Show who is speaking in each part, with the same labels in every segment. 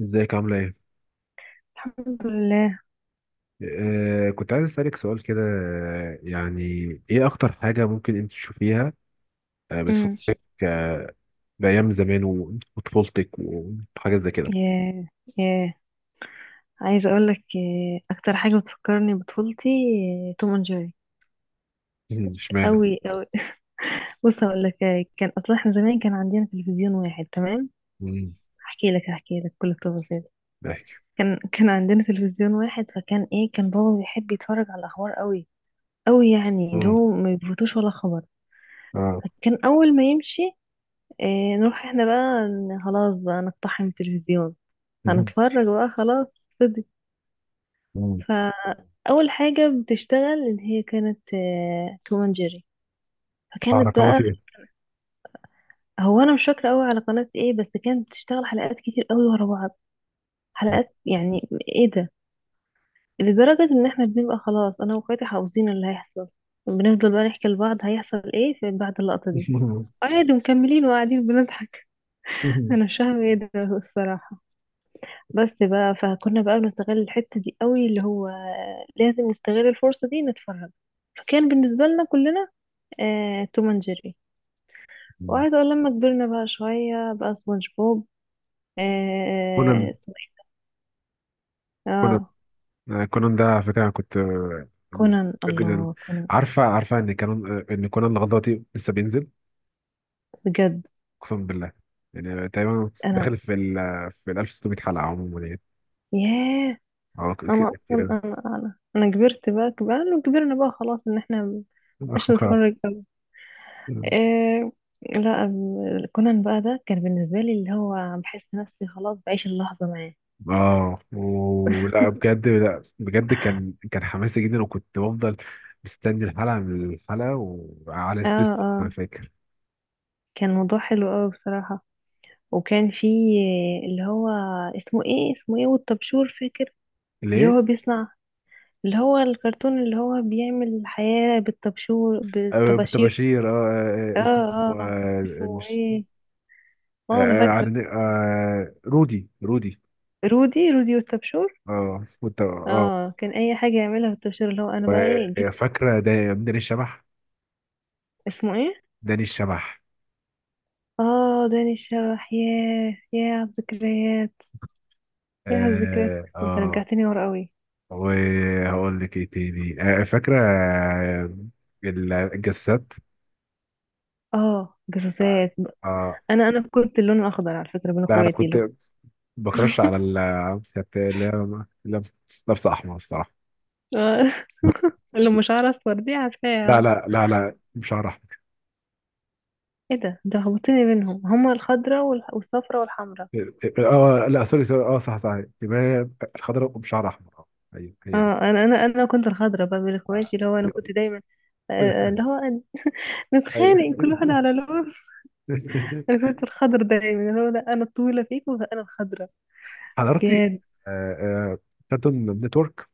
Speaker 1: ازيك عاملة ايه؟
Speaker 2: الحمد لله.
Speaker 1: كنت عايز اسألك سؤال كده، يعني ايه اكتر حاجة ممكن انت تشوفيها
Speaker 2: امم.
Speaker 1: بتفكرك بأيام زمان وطفولتك وحاجات زي كده.
Speaker 2: ياه، ياه. عايزه اقول لك، اكتر حاجه بتفكرني بطفولتي. توم اند جيري،
Speaker 1: مم، اشمعنى؟
Speaker 2: قوي قوي. بص اقول لك، كان اصلا احنا زمان كان عندنا تلفزيون واحد، تمام.
Speaker 1: مم.
Speaker 2: هحكي لك، كل التفاصيل.
Speaker 1: بحكي.
Speaker 2: كان عندنا تلفزيون واحد، فكان ايه، كان بابا بيحب يتفرج على الاخبار قوي قوي، يعني اللي
Speaker 1: مم.
Speaker 2: هو ما بيفوتوش ولا خبر.
Speaker 1: اه.
Speaker 2: فكان اول ما يمشي، نروح احنا بقى، خلاص بقى نقتحم التلفزيون.
Speaker 1: مم.
Speaker 2: هنتفرج بقى خلاص.
Speaker 1: مم.
Speaker 2: فأول حاجة بتشتغل اللي هي كانت توم اند جيري. فكانت
Speaker 1: حركات
Speaker 2: بقى،
Speaker 1: ايه؟
Speaker 2: هو أنا مش فاكرة أوي على قناة إيه، بس كانت بتشتغل حلقات كتير أوي ورا بعض، حلقات يعني. إيه ده! لدرجة إن إحنا بنبقى خلاص أنا وأخواتي حافظين اللي هيحصل، بنفضل بقى نحكي لبعض هيحصل إيه في بعد اللقطة دي،
Speaker 1: مم.
Speaker 2: عادي، ومكملين وقاعدين بنضحك. أنا مش فاهمة إيه ده الصراحة. بس بقى، فكنا بقى بنستغل الحتة دي أوي، اللي هو لازم نستغل الفرصة دي نتفرج. فكان بالنسبة لنا كلنا، توم اند جيري.
Speaker 1: مم.
Speaker 2: وعايزة اقول، لما كبرنا بقى شوية، بقى سبونج بوب.
Speaker 1: كونان.
Speaker 2: اسمه ايه؟
Speaker 1: كونان.
Speaker 2: اه،
Speaker 1: كونان ده على فكرة انا كنت بحبه
Speaker 2: كونان.
Speaker 1: جدا.
Speaker 2: الله، كونان!
Speaker 1: عارفة ان كانون آه، ان كونان لغاية دلوقتي لسه بينزل.
Speaker 2: بجد،
Speaker 1: اقسم بالله. يعني تقريبا
Speaker 2: انا،
Speaker 1: داخل في ال 1600 حلقه عموما يعني.
Speaker 2: ياه.
Speaker 1: اه
Speaker 2: انا
Speaker 1: كده كتير
Speaker 2: اصلا
Speaker 1: أوي.
Speaker 2: انا كبرت بقى، كبرنا وكبرنا بقى خلاص ان احنا مش نتفرج أوي. آه. لا، كونان بقى، ده كان بالنسبة لي اللي هو، بحس نفسي خلاص بعيش اللحظة معاه.
Speaker 1: اه ولا بجد. لا بجد كان حماسي جدا وكنت بفضل مستني الحلقه من الحلقه، وعلى
Speaker 2: اه،
Speaker 1: سبيستون انا
Speaker 2: اه،
Speaker 1: فاكر.
Speaker 2: كان موضوع حلو قوي بصراحة. وكان في اللي هو، اسمه ايه، اسمه ايه والطبشور، فاكر؟ اللي
Speaker 1: ليه؟
Speaker 2: هو بيصنع، اللي هو الكرتون اللي هو بيعمل الحياة بالطبشور،
Speaker 1: آه
Speaker 2: بالطباشير.
Speaker 1: بتباشير، اه،
Speaker 2: اه،
Speaker 1: اسمه.
Speaker 2: اه،
Speaker 1: آه
Speaker 2: اسمه
Speaker 1: مش.
Speaker 2: ايه؟ اه، انا فاكرة.
Speaker 1: رودي رودي.
Speaker 2: رودي، رودي والطبشور.
Speaker 1: اه كنت اه
Speaker 2: اه، كان اي حاجة يعملها بالطبشور، اللي هو انا بقى ايه جبت.
Speaker 1: وفاكره ده داني الشبح.
Speaker 2: اسمه ايه؟
Speaker 1: داني الشبح.
Speaker 2: اه، داني الشبح. ياه، ياه على الذكريات. ياه على الذكريات،
Speaker 1: اه
Speaker 2: انت
Speaker 1: آه.
Speaker 2: رجعتني ورا قوي.
Speaker 1: وهقول لك ايه تاني، فاكرة، الجسات.
Speaker 2: اه،
Speaker 1: اه
Speaker 2: جاسوسات.
Speaker 1: آه.
Speaker 2: انا كنت اللون الاخضر على فكرة بين
Speaker 1: لا انا
Speaker 2: اخواتي، اللي
Speaker 1: كنت
Speaker 2: هو،
Speaker 1: بكرش على ال، كانت اللي هي لابسة احمر الصراحة.
Speaker 2: آه. اللي مش عارف دي
Speaker 1: لا
Speaker 2: عارفاها.
Speaker 1: لا لا لا بشعر احمر.
Speaker 2: ايه ده، ده هبطتني منهم هما الخضرة والصفرة والحمرة.
Speaker 1: اه، لا سوري سوري، اه صح صح يبقى هي الخضراء بشعر احمر. اه، ايوه هي دي.
Speaker 2: اه، انا انا كنت الخضرة بقى من
Speaker 1: آه.
Speaker 2: اخواتي، اللي هو انا كنت دايما، آه، اللي هو
Speaker 1: ايوه
Speaker 2: نتخانق كل واحد على لون. انا كنت الخضر دايما، اللي هو، لا انا الطويلة فيكم فانا الخضرة.
Speaker 1: حضرتي،
Speaker 2: كان
Speaker 1: آه، آه، كارتون نتورك.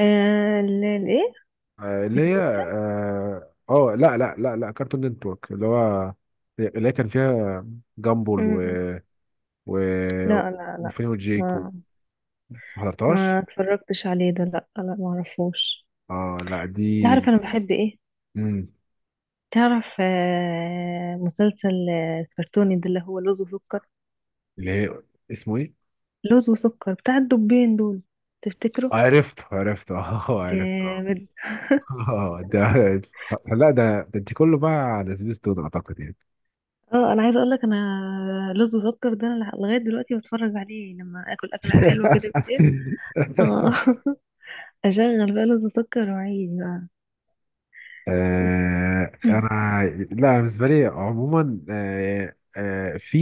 Speaker 2: الايه،
Speaker 1: اللي هي
Speaker 2: نيكلوديان.
Speaker 1: اه، لا لا لا لا كارتون نتورك اللي هو، اللي هي كان فيها جامبل و،
Speaker 2: مم.
Speaker 1: و
Speaker 2: لا، لا، لا،
Speaker 1: وفين وجيك
Speaker 2: ما
Speaker 1: ما
Speaker 2: ما
Speaker 1: حضرتهاش.
Speaker 2: اتفرجتش عليه ده، لا لا، ما اعرفوش.
Speaker 1: اه لا دي.
Speaker 2: تعرف انا بحب ايه؟
Speaker 1: مم.
Speaker 2: تعرف، مسلسل كرتوني ده اللي هو لوز وسكر.
Speaker 1: اللي هي اسمه ايه.
Speaker 2: لوز وسكر بتاع الدبين دول، تفتكره؟
Speaker 1: عرفت عرفت. اه عرفت اه.
Speaker 2: جامد.
Speaker 1: ده لا ده انت كله بقى على سبيستون اعتقد يعني.
Speaker 2: اه، انا عايزه اقول لك، انا لوز وسكر ده انا لغايه دلوقتي بتفرج عليه لما اكل اكله حلوه كده بالليل. اه. اشغل بقى لوز وسكر وعيش بقى.
Speaker 1: انا، لا أنا بالنسبه لي عموما في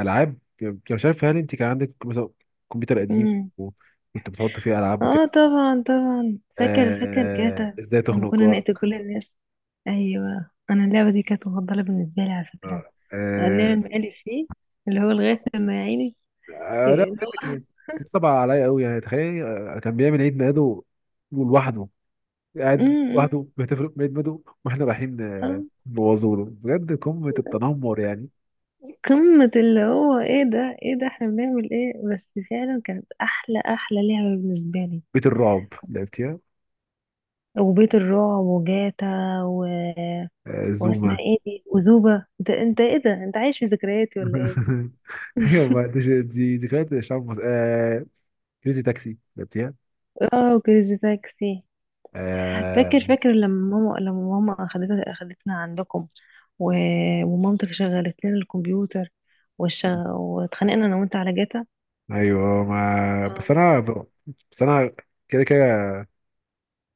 Speaker 1: العاب. أنا مش عارف هل انت كان عندك مثلا كمبيوتر قديم
Speaker 2: أمم.
Speaker 1: وكنت بتحط فيه العاب وكده.
Speaker 2: اه، طبعا طبعا، فاكر فاكر جاتا،
Speaker 1: ازاي
Speaker 2: لما
Speaker 1: تخنق
Speaker 2: كنا نقتل
Speaker 1: جارك.
Speaker 2: كل الناس. ايوه، انا اللعبه دي كانت مفضله بالنسبه لي على فكره،
Speaker 1: آه آه
Speaker 2: نعمل مقالب فيه، اللي هو لغايه لما يا عيني.
Speaker 1: لا
Speaker 2: إيه، اللي
Speaker 1: بجد
Speaker 2: هو،
Speaker 1: كان طبع عليا قوي. يعني تخيل، كان بيعمل عيد ميلاده لوحده، قاعد
Speaker 2: أمم،
Speaker 1: لوحده بيحتفل بعيد ميلاده، واحنا رايحين
Speaker 2: أمم.
Speaker 1: نبوظوله بجد. قمه التنمر يعني.
Speaker 2: قمة اللي هو، ايه ده، ايه ده، احنا بنعمل ايه بس، فعلا كانت احلى احلى لعبة بالنسبة لي.
Speaker 1: بيت الرعب لعبتيها،
Speaker 2: وبيت الرعب وجاتا، و... واسمها
Speaker 1: زوما.
Speaker 2: ايه دي، وزوبة. انت، انت ايه ده، انت عايش في ذكرياتي ولا ايه؟
Speaker 1: ايوه ما دي ذكريات شعب مصر. كريزي تاكسي لعبتيها.
Speaker 2: اه، وكريزي تاكسي.
Speaker 1: آه...
Speaker 2: فاكر فاكر، لما ماما اخدتنا عندكم، و... ومامتك شغلت لنا الكمبيوتر، واتخانقنا انا وانت على جاتا.
Speaker 1: ايوه ما بس
Speaker 2: اه.
Speaker 1: انا ب... بس انا كده كده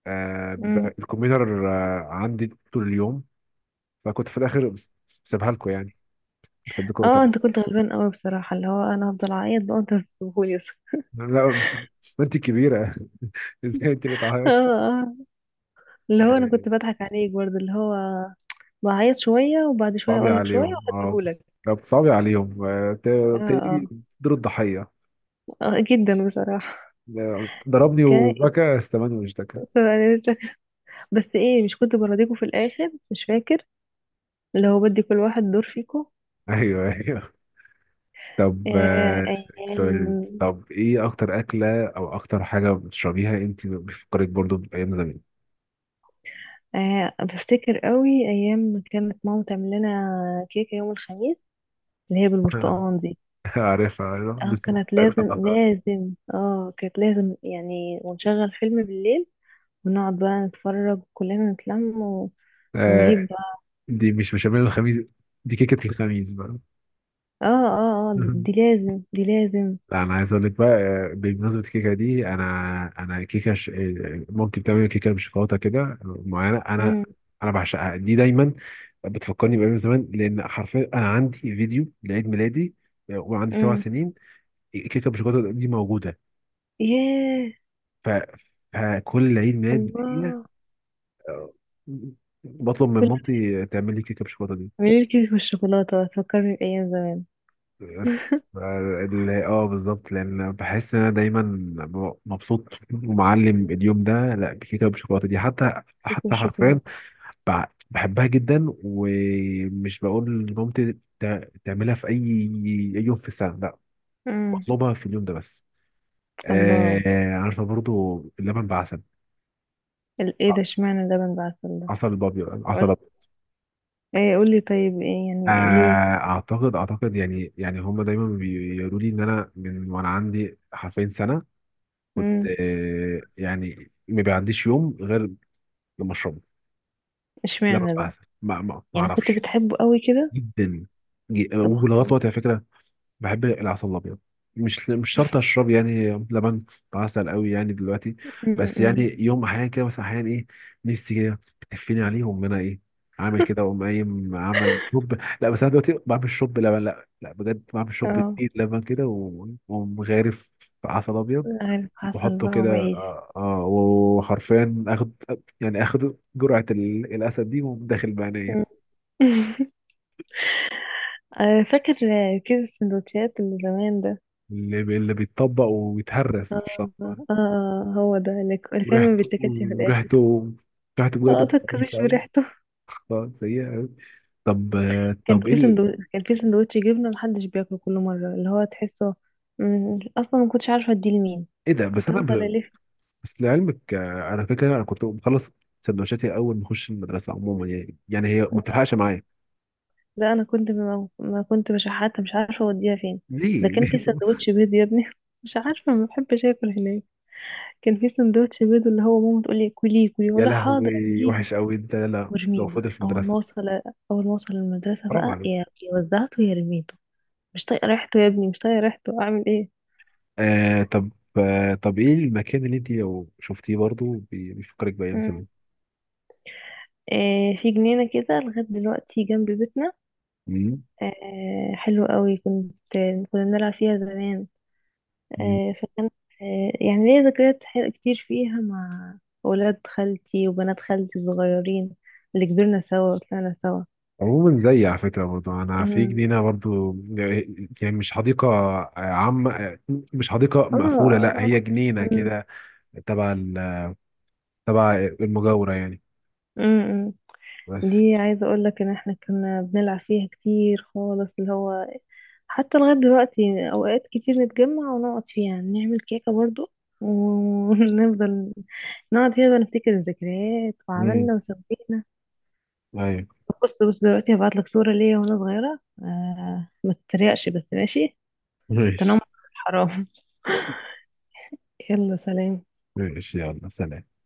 Speaker 2: أمم.
Speaker 1: بيبقى الكمبيوتر عندي طول اليوم. فكنت في الاخر سيبها لكم يعني. بسيبكم
Speaker 2: اه،
Speaker 1: تاني.
Speaker 2: انت كنت غلبان قوي بصراحة، اللي هو انا هفضل اعيط بقى وانت هتسيبهولي.
Speaker 1: لا انت كبيره. ازاي انت اللي
Speaker 2: اه،
Speaker 1: تعيطي.
Speaker 2: آه. اللي هو انا
Speaker 1: آه...
Speaker 2: كنت بضحك عليك برضه، اللي هو بعيط شوية وبعد شوية
Speaker 1: صعبي
Speaker 2: اقول لك شوية
Speaker 1: عليهم اه.
Speaker 2: وهديهولك.
Speaker 1: لو بتصعبي عليهم
Speaker 2: اه، اه،
Speaker 1: تلاقيه دور الضحيه.
Speaker 2: جدا بصراحة.
Speaker 1: ضربني
Speaker 2: اوكي.
Speaker 1: وبكى استماني واشتكى.
Speaker 2: انا لسه، بس ايه، مش كنت برضيكوا في الاخر مش فاكر، اللي هو بدي كل واحد دور فيكوا.
Speaker 1: ايوه ايوه. طب، أسألك سؤال.
Speaker 2: ايام.
Speaker 1: طب ايه اكتر اكله او اكتر حاجه بتشربيها انت بتفكرك برضو بايام زمان؟
Speaker 2: بفتكر قوي ايام ما كانت ماما تعمل لنا كيكة يوم الخميس، اللي هي بالبرتقال دي.
Speaker 1: عارفها عارفها
Speaker 2: اه،
Speaker 1: لسه
Speaker 2: كانت
Speaker 1: بتعملها
Speaker 2: لازم
Speaker 1: طبعا.
Speaker 2: لازم، اه كانت لازم يعني، ونشغل فيلم بالليل ونقعد بقى نتفرج كلنا نتلم، ونجيب
Speaker 1: آه
Speaker 2: بقى.
Speaker 1: دي مش بشاميل الخميس، دي كيكه الخميس بقى.
Speaker 2: اه، اه، اه، دي لازم، دي لازم.
Speaker 1: لا انا عايز اقول لك بقى بمناسبه الكيكه دي انا، انا كيكه ش... آه، مامتي بتعمل كيكه بشوكولاته كده معينه. انا
Speaker 2: امم
Speaker 1: انا بعشقها دي دايما. بتفكرني بايام زمان لان حرفيا انا عندي فيديو لعيد ميلادي وعندي سبع
Speaker 2: امم
Speaker 1: سنين كيكه بالشوكولاته دي موجوده.
Speaker 2: ياه.
Speaker 1: ف... فكل عيد ميلاد ليا
Speaker 2: الله.
Speaker 1: آه، بطلب من
Speaker 2: كل،
Speaker 1: مامتي تعمل لي كيكه بالشوكولاته دي
Speaker 2: اعملي لي كيك بالشوكولاته تفكرني بايام زمان.
Speaker 1: بس. بالظبط لان بحس ان انا دايما مبسوط ومعلم اليوم ده لا بكيكه بالشوكولاته دي. حتى
Speaker 2: كيك
Speaker 1: حرفيا
Speaker 2: بالشوكولاته.
Speaker 1: بحبها جدا، ومش بقول لمامتي تعملها في أي يوم في السنه، لا.
Speaker 2: امم
Speaker 1: بطلبها في اليوم ده بس.
Speaker 2: الله.
Speaker 1: آه عارفه برضو اللبن بعسل.
Speaker 2: ايه
Speaker 1: ع-
Speaker 2: ده، اشمعنى اللبن بقى عسل ده؟
Speaker 1: عسل بابي عسل
Speaker 2: قول.
Speaker 1: أبيض.
Speaker 2: ايه، قولي طيب، ايه
Speaker 1: آه،
Speaker 2: يعني ليه؟
Speaker 1: اعتقد يعني هم دايما بيقولوا لي ان انا من وانا عندي حرفين سنه، كنت
Speaker 2: امم
Speaker 1: يعني ما بيعديش يوم غير لما اشربه. لما
Speaker 2: اشمعنى
Speaker 1: ببقى
Speaker 2: ده؟
Speaker 1: عسل ما
Speaker 2: يعني كنت
Speaker 1: اعرفش.
Speaker 2: بتحبه قوي كده.
Speaker 1: جدا.
Speaker 2: سبحان
Speaker 1: ولغايه
Speaker 2: الله.
Speaker 1: دلوقتي على فكره بحب العسل الابيض. مش شرط اشرب يعني لبن بعسل قوي يعني دلوقتي. بس يعني
Speaker 2: أمم.
Speaker 1: يوم احيانا كده. بس احيانا ايه، نفسي كده بتفيني عليهم انا، ايه عامل كده، واقوم قايم عامل شرب. لا بس انا دلوقتي بعمل شرب لبن. لا لا بجد بعمل شرب
Speaker 2: اه،
Speaker 1: كتير لبن كده، واقوم غارف في عسل ابيض
Speaker 2: عارف، عسل
Speaker 1: واحطه
Speaker 2: بقى
Speaker 1: كده
Speaker 2: وعيش.
Speaker 1: اه، وحرفيا اخد يعني اخد جرعة الاسد دي، واقوم داخل بقى
Speaker 2: أمم.
Speaker 1: نايم.
Speaker 2: فاكر كيس السندوتشات اللي زمان ده؟
Speaker 1: اللي بيتطبق ويتهرس في
Speaker 2: اه، اه،
Speaker 1: الشنطة.
Speaker 2: هو ده اللي اللي كان ما
Speaker 1: وريحته
Speaker 2: بيتاكلش في الاخر.
Speaker 1: وريحته ريحته بجد
Speaker 2: اه،
Speaker 1: بتبقى وحشه
Speaker 2: تكرش
Speaker 1: قوي.
Speaker 2: بريحته.
Speaker 1: اه سيئه قوي. طب، طب ايه ال-
Speaker 2: كان في سندوتش جبنه محدش بياكله كل مره، اللي هو تحسه، اصلا ما كنتش عارفه اديه لمين.
Speaker 1: ايه ده؟
Speaker 2: كنت افضل الف.
Speaker 1: بس لعلمك، انا فاكر انا كنت بخلص سندوتشاتي اول ما اخش المدرسه عموما. يعني هي ما بتلحقش معايا.
Speaker 2: ده انا كنت ما كنت بشحاتها، مش عارفه اوديها فين. ده
Speaker 1: ليه؟
Speaker 2: كان
Speaker 1: ليه
Speaker 2: في
Speaker 1: طب.
Speaker 2: سندوتش بيض يا ابني. مش عارفه، ما بحبش اكل هناك. كان في سندوتش بيض اللي هو ماما تقول لي كليه كليه،
Speaker 1: يا
Speaker 2: ولا حاضر
Speaker 1: لهوي
Speaker 2: اعملي،
Speaker 1: وحش قوي انت، لا لو
Speaker 2: وارميه
Speaker 1: فضل
Speaker 2: بقى
Speaker 1: في
Speaker 2: اول ما
Speaker 1: المدرسه
Speaker 2: اوصل. اول ما اوصل المدرسه
Speaker 1: حرام
Speaker 2: بقى،
Speaker 1: عليك.
Speaker 2: يا وزعته يا رميته. مش طايقه ريحته يا ابني، مش طايقه ريحته، اعمل ايه؟
Speaker 1: آه طب طب ايه المكان اللي انت لو شفتيه برضو بيفكرك بايام
Speaker 2: مم.
Speaker 1: زمان؟
Speaker 2: في جنينه كده لغايه دلوقتي جنب بيتنا.
Speaker 1: مم.
Speaker 2: حلو قوي، كنت كنا بنلعب فيها زمان. فكان، يعني ليا ذكريات حلوة كتير فيها مع اولاد خالتي وبنات خالتي الصغيرين، اللي كبرنا سوا وطلعنا سوا.
Speaker 1: عموما زي على فكرة برضو أنا في
Speaker 2: أمم.
Speaker 1: جنينة برضو يعني. مش حديقة عامة، مش حديقة مقفولة، لا
Speaker 2: اه.
Speaker 1: هي جنينة
Speaker 2: أمم.
Speaker 1: كده تبع تبع المجاورة يعني.
Speaker 2: أمم.
Speaker 1: بس
Speaker 2: دي، عايزة اقولك ان احنا كنا بنلعب فيها كتير خالص، اللي هو حتى لغاية دلوقتي اوقات كتير نتجمع ونقعد فيها نعمل كيكة برضو، و- ونفضل نقعد فيها بقى نفتكر الذكريات
Speaker 1: امم،
Speaker 2: وعملنا وسوينا.
Speaker 1: أيوه.
Speaker 2: طب بص بص دلوقتي هبعتلك صورة ليا وانا صغيرة، ما تتريقش بس ماشي. تنمر،
Speaker 1: ماشي
Speaker 2: حرام. يلا سلام.
Speaker 1: ماشي يلا سلام.